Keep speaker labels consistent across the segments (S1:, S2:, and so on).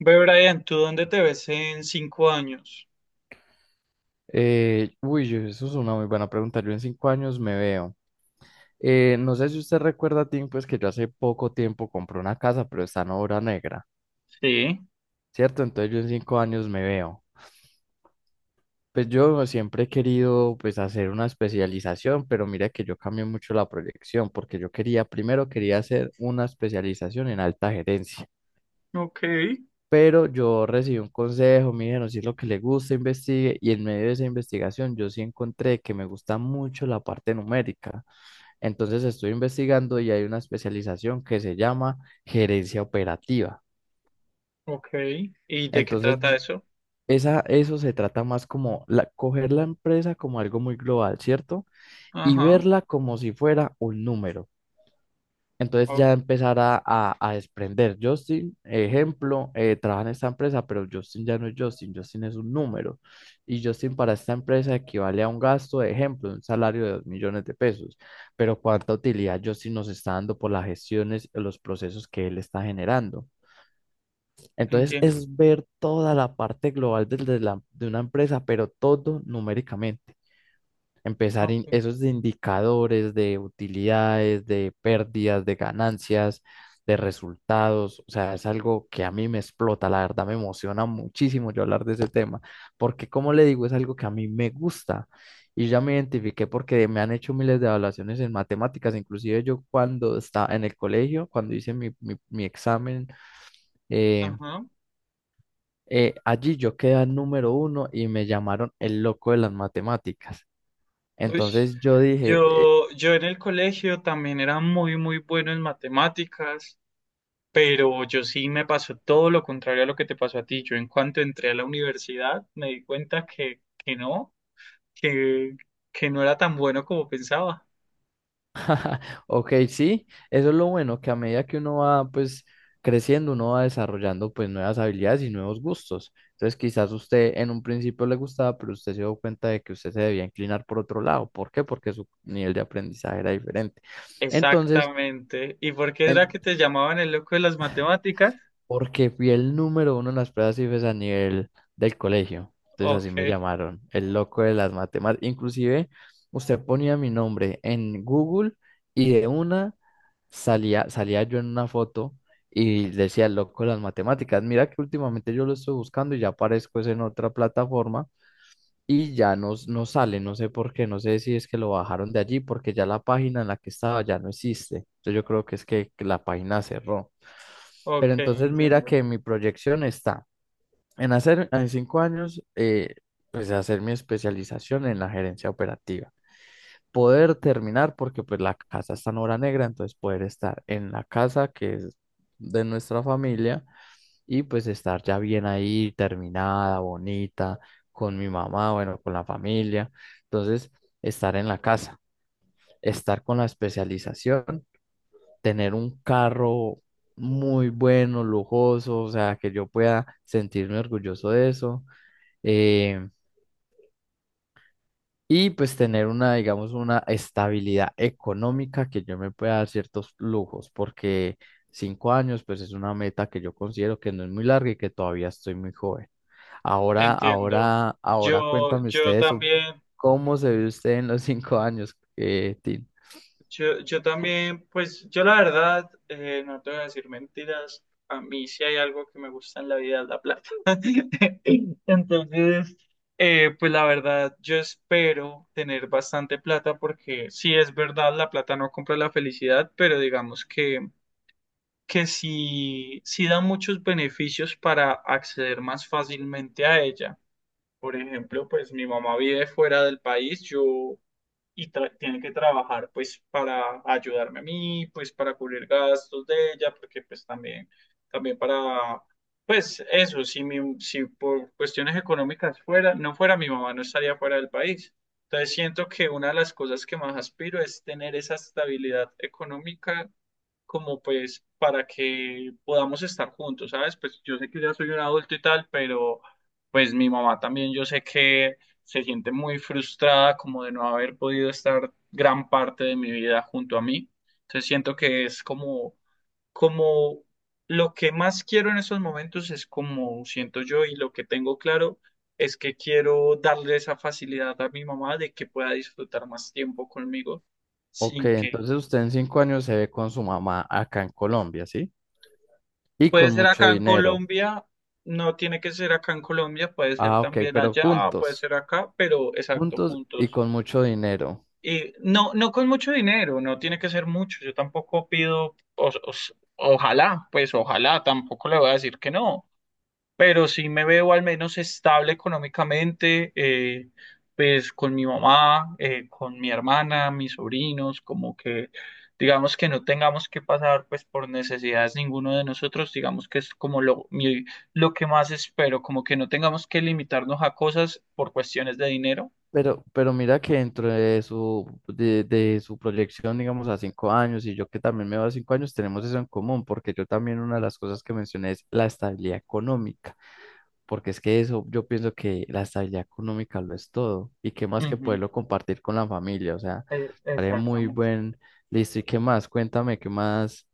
S1: Ve, Brian, ¿tú dónde te ves en 5 años?
S2: Uy, eso es una muy buena pregunta. Yo en 5 años me veo. No sé si usted recuerda, Tim, pues que yo hace poco tiempo compré una casa, pero está en obra negra,
S1: Sí,
S2: ¿cierto? Entonces yo en 5 años me veo. Pues yo siempre he querido pues hacer una especialización, pero mira que yo cambié mucho la proyección porque primero quería hacer una especialización en alta gerencia,
S1: ok.
S2: pero yo recibí un consejo, me dijeron si es lo que le gusta, investigue y en medio de esa investigación yo sí encontré que me gusta mucho la parte numérica. Entonces estoy investigando y hay una especialización que se llama gerencia operativa.
S1: Ok. ¿Y de qué
S2: Entonces,
S1: trata eso?
S2: eso se trata más como coger la empresa como algo muy global, ¿cierto? Y
S1: Ajá.
S2: verla como si fuera un número. Entonces
S1: Ok,
S2: ya empezar a desprender. Justin, ejemplo, trabaja en esta empresa, pero Justin ya no es Justin, Justin es un número. Y Justin para esta empresa equivale a un gasto, de ejemplo, un salario de 2 millones de pesos. Pero cuánta utilidad Justin nos está dando por las gestiones, los procesos que él está generando. Entonces
S1: entiendo.
S2: es ver toda la parte global de una empresa, pero todo numéricamente empezar
S1: Ok.
S2: esos indicadores de utilidades, de pérdidas, de ganancias, de resultados, o sea, es algo que a mí me explota, la verdad me emociona muchísimo yo hablar de ese tema, porque como le digo, es algo que a mí me gusta y ya me identifiqué porque me han hecho miles de evaluaciones en matemáticas, inclusive yo cuando estaba en el colegio, cuando hice mi examen, eh,
S1: Ajá.
S2: allí yo quedé número uno y me llamaron el loco de las matemáticas.
S1: Uy,
S2: Entonces yo dije.
S1: yo en el colegio también era muy, muy bueno en matemáticas, pero yo sí me pasó todo lo contrario a lo que te pasó a ti. Yo, en cuanto entré a la universidad, me di cuenta que no, que, que no era tan bueno como pensaba.
S2: Ok, sí, eso es lo bueno, que a medida que uno va pues creciendo, uno va desarrollando pues nuevas habilidades y nuevos gustos. Entonces quizás usted en un principio le gustaba, pero usted se dio cuenta de que usted se debía inclinar por otro lado. ¿Por qué? Porque su nivel de aprendizaje era diferente. Entonces,
S1: Exactamente. ¿Y por qué era
S2: en-
S1: que te llamaban el loco de las matemáticas?
S2: porque fui el número uno en las pruebas IFES a nivel del colegio. Entonces
S1: Ok,
S2: así me llamaron, el loco de las matemáticas. Inclusive usted ponía mi nombre en Google y de una salía yo en una foto y decía el loco de las matemáticas. Mira que últimamente yo lo estoy buscando y ya aparezco es en otra plataforma y ya no sale, no sé por qué, no sé si es que lo bajaron de allí, porque ya la página en la que estaba ya no existe. Entonces yo creo que es que la página cerró.
S1: ok,
S2: Pero entonces mira
S1: entiendo,
S2: que mi proyección está en hacer en 5 años, pues hacer mi especialización en la gerencia operativa. Poder terminar, porque pues la casa está en obra negra, entonces poder estar en la casa que es de nuestra familia y pues estar ya bien ahí, terminada, bonita, con mi mamá, bueno, con la familia. Entonces, estar en la casa, estar con la especialización, tener un carro muy bueno, lujoso, o sea, que yo pueda sentirme orgulloso de eso. Eh, y pues tener una, digamos, una estabilidad económica que yo me pueda dar ciertos lujos, porque 5 años, pues es una meta que yo considero que no es muy larga y que todavía estoy muy joven. Ahora,
S1: entiendo.
S2: ahora, ahora
S1: Yo,
S2: cuéntame
S1: yo
S2: ustedes
S1: también,
S2: cómo se ve usted en los 5 años, Tim.
S1: yo también, pues yo la verdad, no te voy a decir mentiras, a mí sí hay algo que me gusta en la vida, es la plata. Entonces, pues la verdad, yo espero tener bastante plata, porque sí es verdad, la plata no compra la felicidad, pero digamos que sí, sí da muchos beneficios para acceder más fácilmente a ella. Por ejemplo, pues mi mamá vive fuera del país, tiene que trabajar pues para ayudarme a mí, pues para cubrir gastos de ella, porque pues también para, pues eso, si por cuestiones económicas fuera, no fuera mi mamá, no estaría fuera del país. Entonces siento que una de las cosas que más aspiro es tener esa estabilidad económica como pues para que podamos estar juntos, ¿sabes? Pues yo sé que ya soy un adulto y tal, pero pues mi mamá también yo sé que se siente muy frustrada como de no haber podido estar gran parte de mi vida junto a mí. Entonces siento que es como lo que más quiero en estos momentos es como siento yo, y lo que tengo claro es que quiero darle esa facilidad a mi mamá de que pueda disfrutar más tiempo conmigo
S2: Ok,
S1: sin que.
S2: entonces usted en 5 años se ve con su mamá acá en Colombia, ¿sí? Y
S1: Puede
S2: con
S1: ser
S2: mucho
S1: acá en
S2: dinero.
S1: Colombia, no tiene que ser acá en Colombia, puede ser
S2: Ah, ok,
S1: también
S2: pero
S1: allá, puede
S2: juntos,
S1: ser acá, pero exacto,
S2: juntos y
S1: juntos.
S2: con mucho dinero.
S1: Y no, no con mucho dinero, no tiene que ser mucho. Yo tampoco pido, ojalá, pues ojalá, tampoco le voy a decir que no, pero sí me veo al menos estable económicamente, pues con mi mamá, con mi hermana, mis sobrinos, como que digamos que no tengamos que pasar pues por necesidades ninguno de nosotros, digamos que es como lo, lo que más espero, como que no tengamos que limitarnos a cosas por cuestiones de dinero.
S2: Pero mira que dentro de su proyección, digamos, a 5 años, y yo que también me veo a 5 años, tenemos eso en común, porque yo también una de las cosas que mencioné es la estabilidad económica, porque es que eso, yo pienso que la estabilidad económica lo es todo, y qué más que
S1: Ujú,
S2: poderlo compartir con la familia, o sea, parece muy
S1: exactamente.
S2: listo, y qué más, cuéntame, qué más,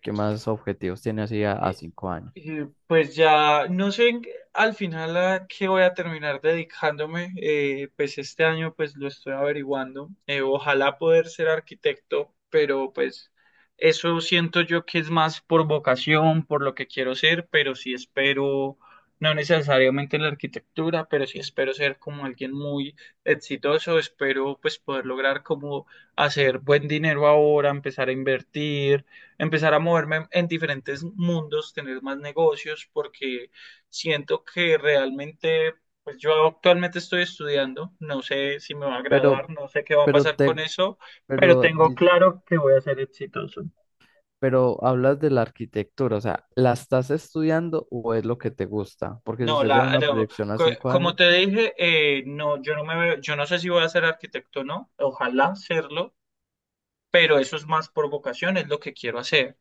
S2: objetivos tiene así a 5 años.
S1: Pues ya no sé al final a qué voy a terminar dedicándome, pues este año pues lo estoy averiguando, ojalá poder ser arquitecto, pero pues eso siento yo que es más por vocación, por lo que quiero ser, pero sí espero, no necesariamente en la arquitectura, pero sí espero ser como alguien muy exitoso, espero pues poder lograr como hacer buen dinero ahora, empezar a invertir, empezar a moverme en diferentes mundos, tener más negocios, porque siento que realmente, pues yo actualmente estoy estudiando, no sé si me va a graduar,
S2: Pero,
S1: no sé qué va a
S2: pero
S1: pasar con
S2: te,
S1: eso, pero
S2: pero
S1: tengo
S2: di-
S1: claro que voy a ser exitoso.
S2: Pero hablas de la arquitectura, o sea, ¿la estás estudiando o es lo que te gusta? Porque si
S1: No,
S2: usted tiene
S1: la,
S2: una
S1: no,
S2: proyección a
S1: co-
S2: cinco
S1: como
S2: años,
S1: te dije, no, yo no me veo, yo no sé si voy a ser arquitecto o no, ojalá serlo, pero eso es más por vocación, es lo que quiero hacer.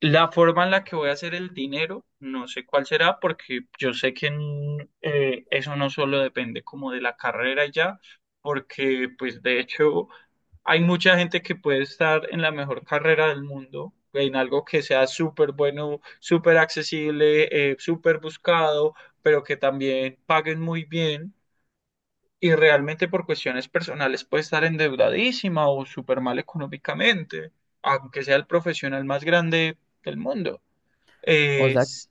S1: La forma en la que voy a hacer el dinero, no sé cuál será, porque yo sé que eso no solo depende como de la carrera y ya, porque pues de hecho hay mucha gente que puede estar en la mejor carrera del mundo, en algo que sea súper bueno, súper accesible, súper buscado, pero que también paguen muy bien, y realmente por cuestiones personales puede estar endeudadísima o súper mal económicamente, aunque sea el profesional más grande del mundo.
S2: o
S1: Eh,
S2: sea,
S1: s-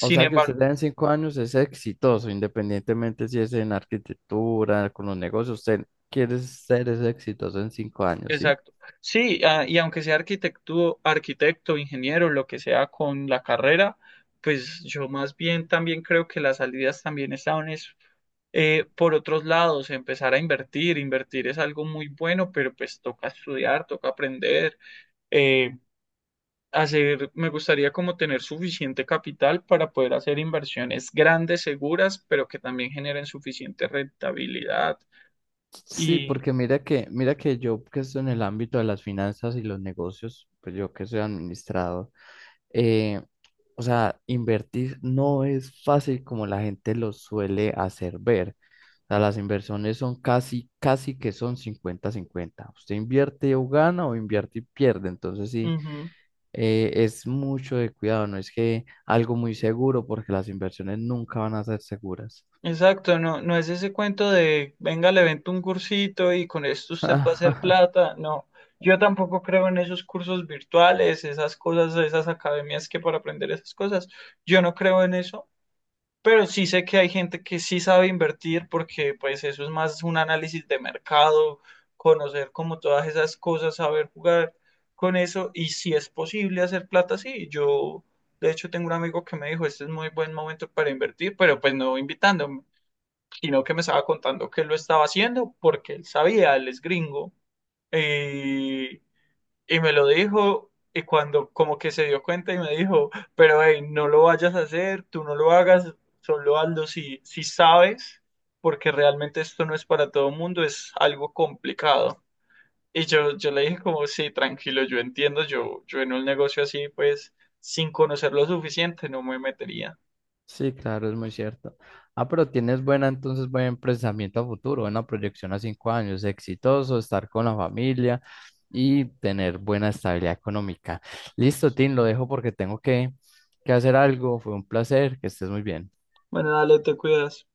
S2: o sea que
S1: embargo,
S2: usted en 5 años es exitoso, independientemente si es en arquitectura, con los negocios, usted quiere ser ese exitoso en 5 años, ¿sí?
S1: exacto. Sí, ah, y aunque sea arquitecto, arquitecto, ingeniero, lo que sea con la carrera, pues yo más bien también creo que las salidas también están es, por otros lados, empezar a invertir. Invertir es algo muy bueno, pero pues toca estudiar, toca aprender, eh, hacer, me gustaría como tener suficiente capital para poder hacer inversiones grandes, seguras, pero que también generen suficiente rentabilidad.
S2: Sí,
S1: Y,
S2: porque mira que yo que estoy en el ámbito de las finanzas y los negocios, pues yo que soy administrador, eh, o sea, invertir no es fácil como la gente lo suele hacer ver. O sea, las inversiones son casi, casi que son cincuenta-cincuenta. Usted invierte o gana o invierte y pierde. Entonces sí,
S1: Ujú.
S2: es mucho de cuidado, no es que algo muy seguro, porque las inversiones nunca van a ser seguras.
S1: Exacto, no, no es ese cuento de venga, le vendo un cursito y con esto usted va a hacer plata. No, yo tampoco creo en esos cursos virtuales, esas cosas, esas academias que para aprender esas cosas. Yo no creo en eso, pero sí sé que hay gente que sí sabe invertir, porque pues eso es más un análisis de mercado, conocer como todas esas cosas, saber jugar con eso, y si es posible hacer plata, sí, yo. De hecho, tengo un amigo que me dijo, este es muy buen momento para invertir, pero pues no invitándome, sino que me estaba contando que él lo estaba haciendo porque él sabía, él es gringo, y, y me lo dijo, y cuando como que se dio cuenta y me dijo, pero hey, no lo vayas a hacer, tú no lo hagas, solo hazlo si sabes, porque realmente esto no es para todo el mundo, es algo complicado. Y yo le dije como, sí, tranquilo, yo entiendo, yo en un negocio así, pues, sin conocer lo suficiente, no me metería.
S2: Sí, claro, es muy cierto. Ah, pero tienes buena, entonces, buen pensamiento a futuro, buena proyección a 5 años, exitoso, estar con la familia y tener buena estabilidad económica. Listo, Tim, lo dejo porque tengo que hacer algo. Fue un placer, que estés muy bien.
S1: Bueno, dale, te cuidas.